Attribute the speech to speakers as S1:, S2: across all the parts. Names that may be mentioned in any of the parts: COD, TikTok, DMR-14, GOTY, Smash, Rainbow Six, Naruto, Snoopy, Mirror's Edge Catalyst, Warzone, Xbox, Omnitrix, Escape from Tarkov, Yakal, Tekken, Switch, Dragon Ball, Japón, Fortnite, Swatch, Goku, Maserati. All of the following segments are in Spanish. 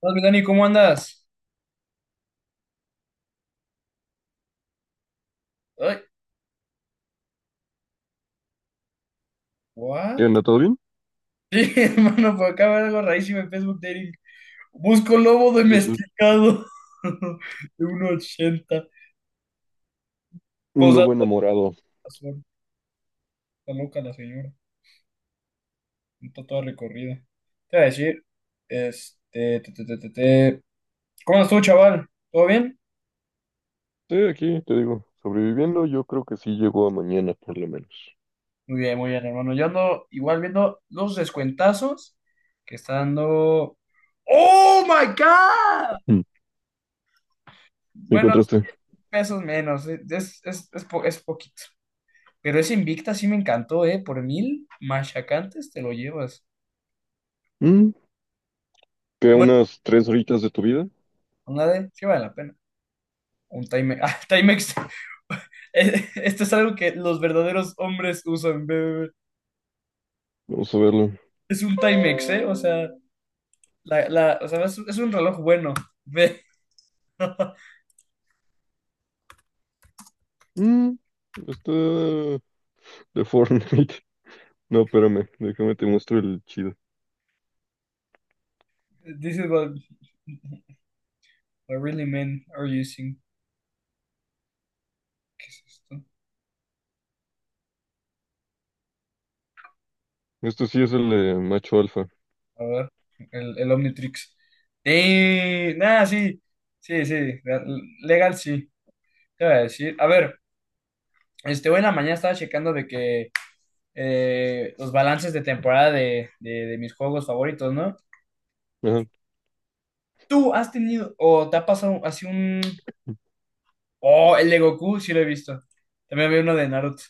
S1: Hola, mi Dani, ¿cómo andas? Ay, ¿what?
S2: ¿Qué onda? ¿Todo bien?
S1: Sí, hermano, por acá veo algo rarísimo en Facebook Dating. Busco lobo
S2: ¿Qué pasó?
S1: domesticado de 1.80.
S2: Un lobo
S1: Posata
S2: enamorado.
S1: azul. Está loca la señora. Está toda recorrida. Te voy a decir, este, te. ¿Cómo andas tú, chaval? ¿Todo bien?
S2: Sí, aquí te digo, sobreviviendo, yo creo que sí llegó a mañana, por lo menos.
S1: Muy bien, muy bien, hermano. Yo ando igual viendo los descuentazos que está dando. ¡Oh, my God!
S2: Mm. ¿Me
S1: Bueno,
S2: encontraste?
S1: pesos menos. Es poquito. Pero ese Invicta sí me encantó, ¿eh? Por 1000 machacantes te lo llevas.
S2: Mm, ¿Qué,
S1: Bueno,
S2: unas tres horitas de tu vida?
S1: una de, sí vale la pena. Un Timex. Ah, Timex. Esto es algo que los verdaderos hombres usan, ve.
S2: Vamos a verlo.
S1: Es un Timex, ¿eh? O sea, o sea, es un reloj bueno, ve.
S2: Mm, está de Fortnite. No, espérame, déjame te muestro el chido.
S1: This is what, what really men are using. ¿Qué es esto?
S2: Esto sí es el de macho alfa.
S1: A ver, el Omnitrix. Nada, sí. Sí, sí. Legal, sí. Te voy a decir. A ver. Este, hoy en la mañana estaba checando de que los balances de temporada de mis juegos favoritos, ¿no?
S2: Ajá.
S1: ¿Tú has tenido o te ha pasado así un... Oh, el de Goku, sí lo he visto. También había uno de Naruto.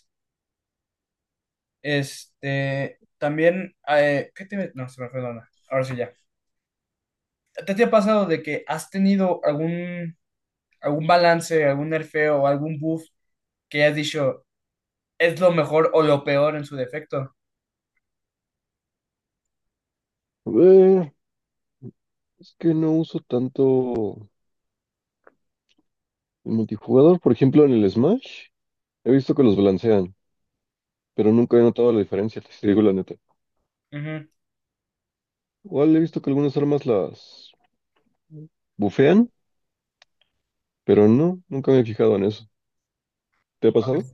S1: Este, también... ¿qué te... No, se me fue la onda. Ahora sí ya. ¿Te ha pasado de que has tenido algún, algún balance, algún nerfeo o algún buff que has dicho es lo mejor o lo peor en su defecto?
S2: Eh, es que no uso tanto el multijugador. Por ejemplo, en el Smash, he visto que los balancean, pero nunca he notado la diferencia, te digo la neta.
S1: Ujú.
S2: Igual he visto que algunas armas las bufean, pero no, nunca me he fijado en eso. ¿Te ha pasado?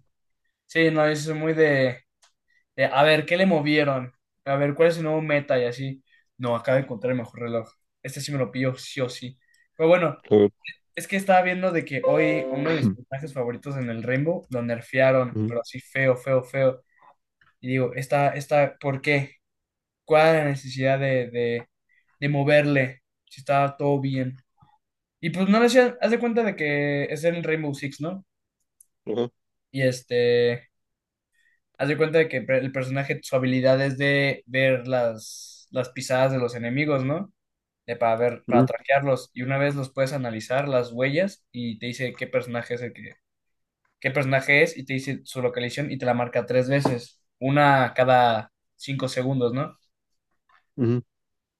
S1: Sí, no, eso es muy de, a ver, ¿qué le movieron? A ver, ¿cuál es su nuevo meta? Y así. No, acabo de encontrar el mejor reloj. Este sí me lo pillo, sí o sí. Pero bueno,
S2: A ver.
S1: es que estaba viendo de que hoy uno de mis personajes favoritos en el Rainbow lo nerfearon,
S2: Ujú,
S1: pero así feo, feo, feo. Y digo, esta, ¿por qué? ¿Cuál es la necesidad de moverle? Si estaba todo bien. Y pues no le hacían, haz de cuenta de que es en Rainbow Six, ¿no?
S2: ajá,
S1: Y este, haz de cuenta de que pre- el personaje, su habilidad es de ver las pisadas de los enemigos, ¿no? De para ver, para
S2: ujú,
S1: traquearlos. Y una vez los puedes analizar, las huellas, y te dice qué personaje es, y te dice su localización y te la marca 3 veces, una cada 5 segundos, ¿no?
S2: ujú.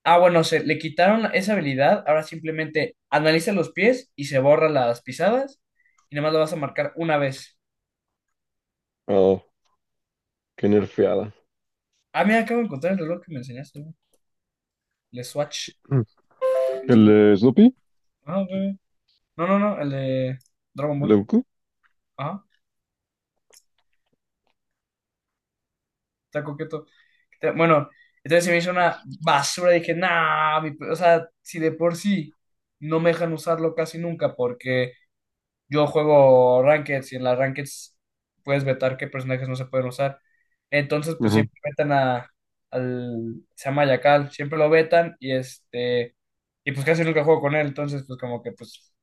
S1: Ah, bueno, se le quitaron esa habilidad, ahora simplemente analiza los pies y se borra las pisadas, y nada más lo vas a marcar una vez.
S2: Ah, qué nerfeada.
S1: Ah, mira, acabo de encontrar el reloj que me enseñaste, güey. El Swatch.
S2: Ujú. ¿El Snoopy?
S1: Ah, güey. No, no, no, el de Dragon
S2: ¿El de
S1: Ball.
S2: Goku?
S1: Ajá, está coqueto. Está- Bueno, entonces se me hizo una basura. Dije, nah, mi pe-". O sea, si de por sí no me dejan usarlo casi nunca porque yo juego Rankeds y en las Rankeds puedes vetar qué personajes no se pueden usar. Entonces, pues
S2: Ajá.
S1: siempre al, se llama Yakal, siempre lo vetan y este, y pues casi nunca juego con él. Entonces, pues como que, pues,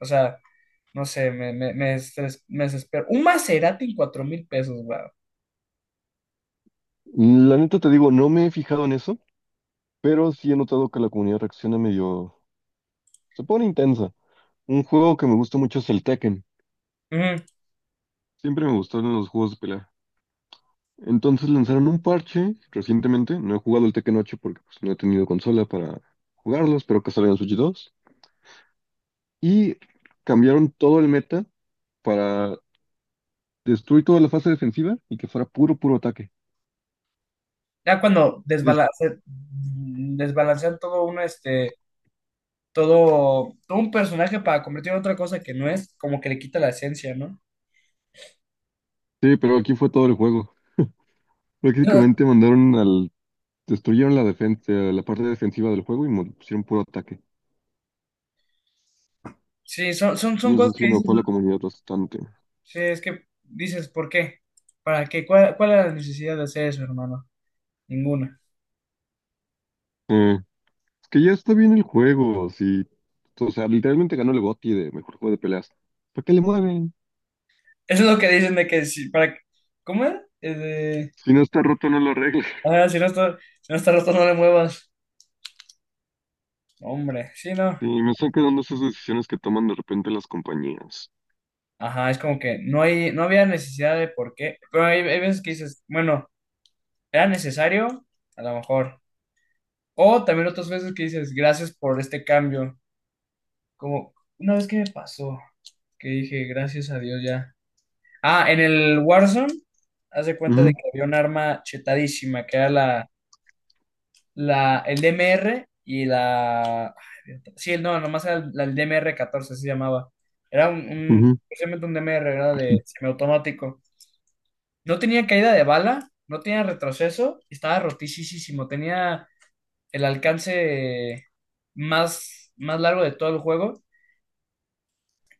S1: o sea, no sé, estres- me desespero. Un Maserati en 4000 pesos, güey.
S2: La neta te digo, no me he fijado en eso, pero sí he notado que la comunidad reacciona medio... Se pone intensa. Un juego que me gusta mucho es el Tekken.
S1: Ujú.
S2: Siempre me gustaron los juegos de pelea. Entonces lanzaron un parche recientemente. No he jugado el Tekken 8 porque pues, no he tenido consola para jugarlos, pero que salga en Switch 2. Y cambiaron todo el meta para destruir toda la fase defensiva y que fuera puro ataque.
S1: Ya cuando
S2: Es-
S1: desbalancean todo un personaje para convertirlo en otra cosa que no es, como que le quita la esencia, ¿no?
S2: Sí, pero aquí fue todo el juego.
S1: No.
S2: Prácticamente mandaron al... Destruyeron la defensa, la parte defensiva del juego y pusieron puro ataque.
S1: Sí,
S2: Y
S1: son cosas
S2: eso sí
S1: que dices,
S2: enojó a la comunidad bastante.
S1: sí, es que dices, ¿por qué? ¿Para qué? ¿ cuál era la necesidad de hacer eso, hermano? Ninguna.
S2: Eh, es que ya está bien el juego, sí. O sea, literalmente ganó el GOTY de mejor juego de peleas. ¿Para qué le mueven?
S1: Eso es lo que dicen de que si, para, ¿cómo era?
S2: Si no está roto, no lo arregles.
S1: Ah, si no está roto, no le muevas. Hombre, sí, no.
S2: Sí, me están quedando esas decisiones que toman de repente las compañías.
S1: Ajá, es como que no había necesidad de por qué, pero hay veces que dices, bueno. ¿Era necesario? A lo mejor. O también otras veces que dices, gracias por este cambio. Como una vez que me pasó, que dije, gracias a Dios ya. Ah, en el Warzone, haz de cuenta de
S2: Ujú,
S1: que había un arma chetadísima, que era el DMR y la... ay, sí, no, nomás era el DMR-14, así se llamaba. Era un,
S2: ujú.
S1: precisamente un DMR, era de semiautomático. No tenía caída de bala, no tenía retroceso, estaba rotísimo, tenía el alcance más largo de todo el juego.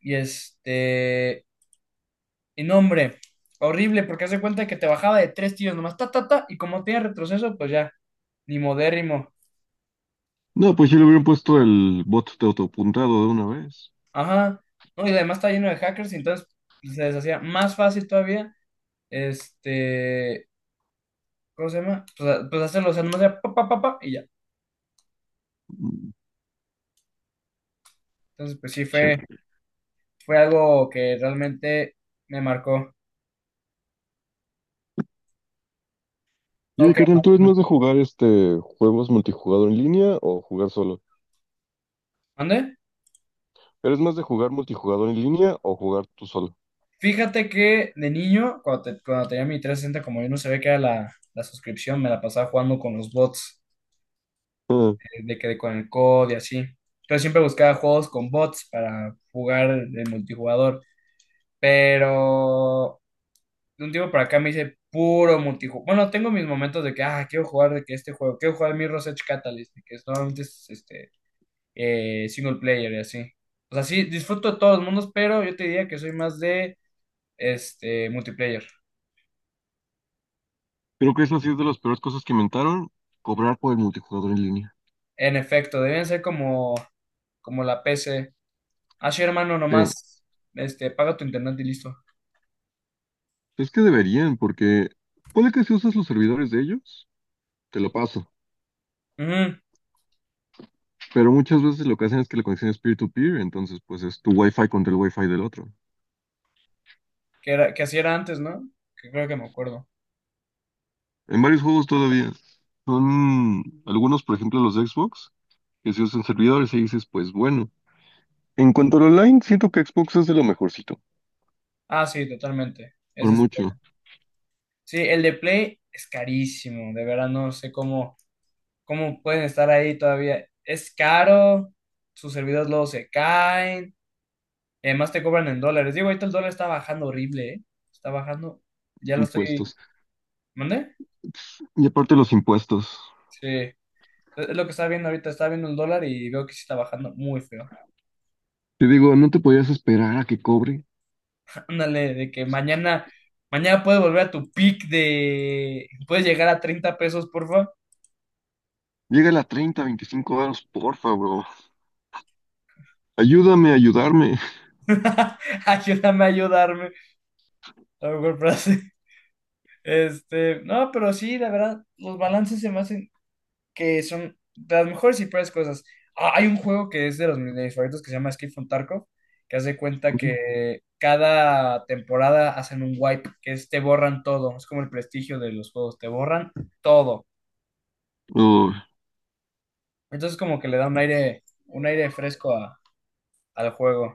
S1: Y este, y no, hombre, horrible, porque hace cuenta que te bajaba de 3 tiros nomás, ta, ta, ta, y como tiene retroceso, pues ya, ni modérrimo.
S2: No, pues yo le hubieran puesto el bot de autopuntado de una vez.
S1: Ajá. No, y además está lleno de hackers, y entonces pues, se les hacía más fácil todavía, este, ¿cómo se llama? Pues, a- pues hacerlo, o sea, nomás era pa, pa, pa, pa, y ya.
S2: Mm,
S1: Entonces, pues sí, fue,
S2: Chale.
S1: fue algo que realmente me marcó.
S2: Yo,
S1: Ok,
S2: carnal, ¿tú eres más de jugar juegos multijugador en línea o jugar solo?
S1: ¿mande?
S2: ¿Eres más de jugar multijugador en línea o jugar tú solo?
S1: Fíjate que de niño, cuando, te- cuando tenía mi 360, como yo no sabía que era la suscripción, me la pasaba jugando con los bots,
S2: Ah,
S1: de que con el COD y así. Entonces siempre buscaba juegos con bots para jugar el multijugador. Pero de un tiempo para acá me hice puro multijugador. Bueno, tengo mis momentos de que, ah, quiero jugar de que este juego, quiero jugar Mirror's Edge Catalyst, de que es- normalmente es este, single player y así. O sea, sí, disfruto de todos los mundos, pero yo te diría que soy más de este multiplayer.
S2: creo que eso ha sido de las peores cosas que inventaron, cobrar por el multijugador en línea.
S1: En efecto, deben ser como, como la P C. Así, hermano,
S2: Sí,
S1: nomás, este, paga tu internet y listo.
S2: es que deberían, porque puede que si usas los servidores de ellos, te lo paso.
S1: Ujú,
S2: Pero muchas veces lo que hacen es que la conexión es peer-to-peer, entonces pues es tu wifi contra el wifi del otro.
S1: que era, que así era antes, ¿no? Que creo que me acuerdo.
S2: En varios juegos todavía. Son algunos, por ejemplo, los de Xbox, que se usan servidores y dices, pues bueno. En cuanto al online, siento que Xbox es de lo mejorcito.
S1: Ah, sí, totalmente. Es
S2: Por
S1: este.
S2: mucho.
S1: Sí, el de Play es carísimo, de verdad no sé cómo, cómo pueden estar ahí todavía. Es caro, sus servidores luego se caen, y además te cobran en dólares. Digo, ahorita el dólar está bajando horrible, ¿eh? Está bajando, ya lo estoy,
S2: Impuestos.
S1: ¿mandé?
S2: Y aparte los impuestos.
S1: Sí. Es lo que estaba viendo ahorita, estaba viendo el dólar y veo que sí está bajando muy feo.
S2: Te digo, no te podías esperar a que cobre.
S1: Ándale, de que mañana, mañana puedes volver a tu peak de, puedes llegar a 30 pesos, porfa.
S2: Llega a 30, 25 euros, porfa, bro. Ayúdame a ayudarme.
S1: Ayúdame a ayudarme. A lo mejor frase. Este, no, pero sí, la verdad, los balances se me hacen que son de las mejores y peores cosas. Ah, hay un juego que es de los de mis favoritos que se llama Escape from Tarkov, que hace cuenta que cada temporada hacen un wipe, que es te borran todo, es como el prestigio de los juegos, te borran todo.
S2: Oh,
S1: Entonces como que le da un aire fresco a- al juego.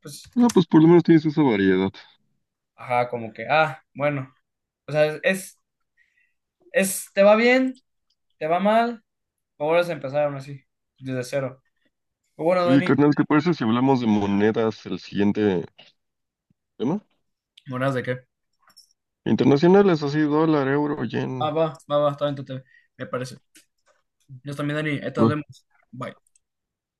S1: Pues,
S2: ah, pues por lo menos tienes esa variedad.
S1: ajá, como que, ah, bueno, o sea, es, te va bien, te va mal, o vuelves a empezar aún así, desde cero. Pero bueno,
S2: Oye,
S1: Dani,
S2: carnal, ¿te parece si hablamos de monedas el siguiente tema?
S1: ¿buenas de qué?
S2: Internacionales, así, dólar, euro,
S1: Ah,
S2: yen.
S1: va, va, va, está bien, tú te- me parece. Yo también, Dani. Ahí te nos vemos. Bye.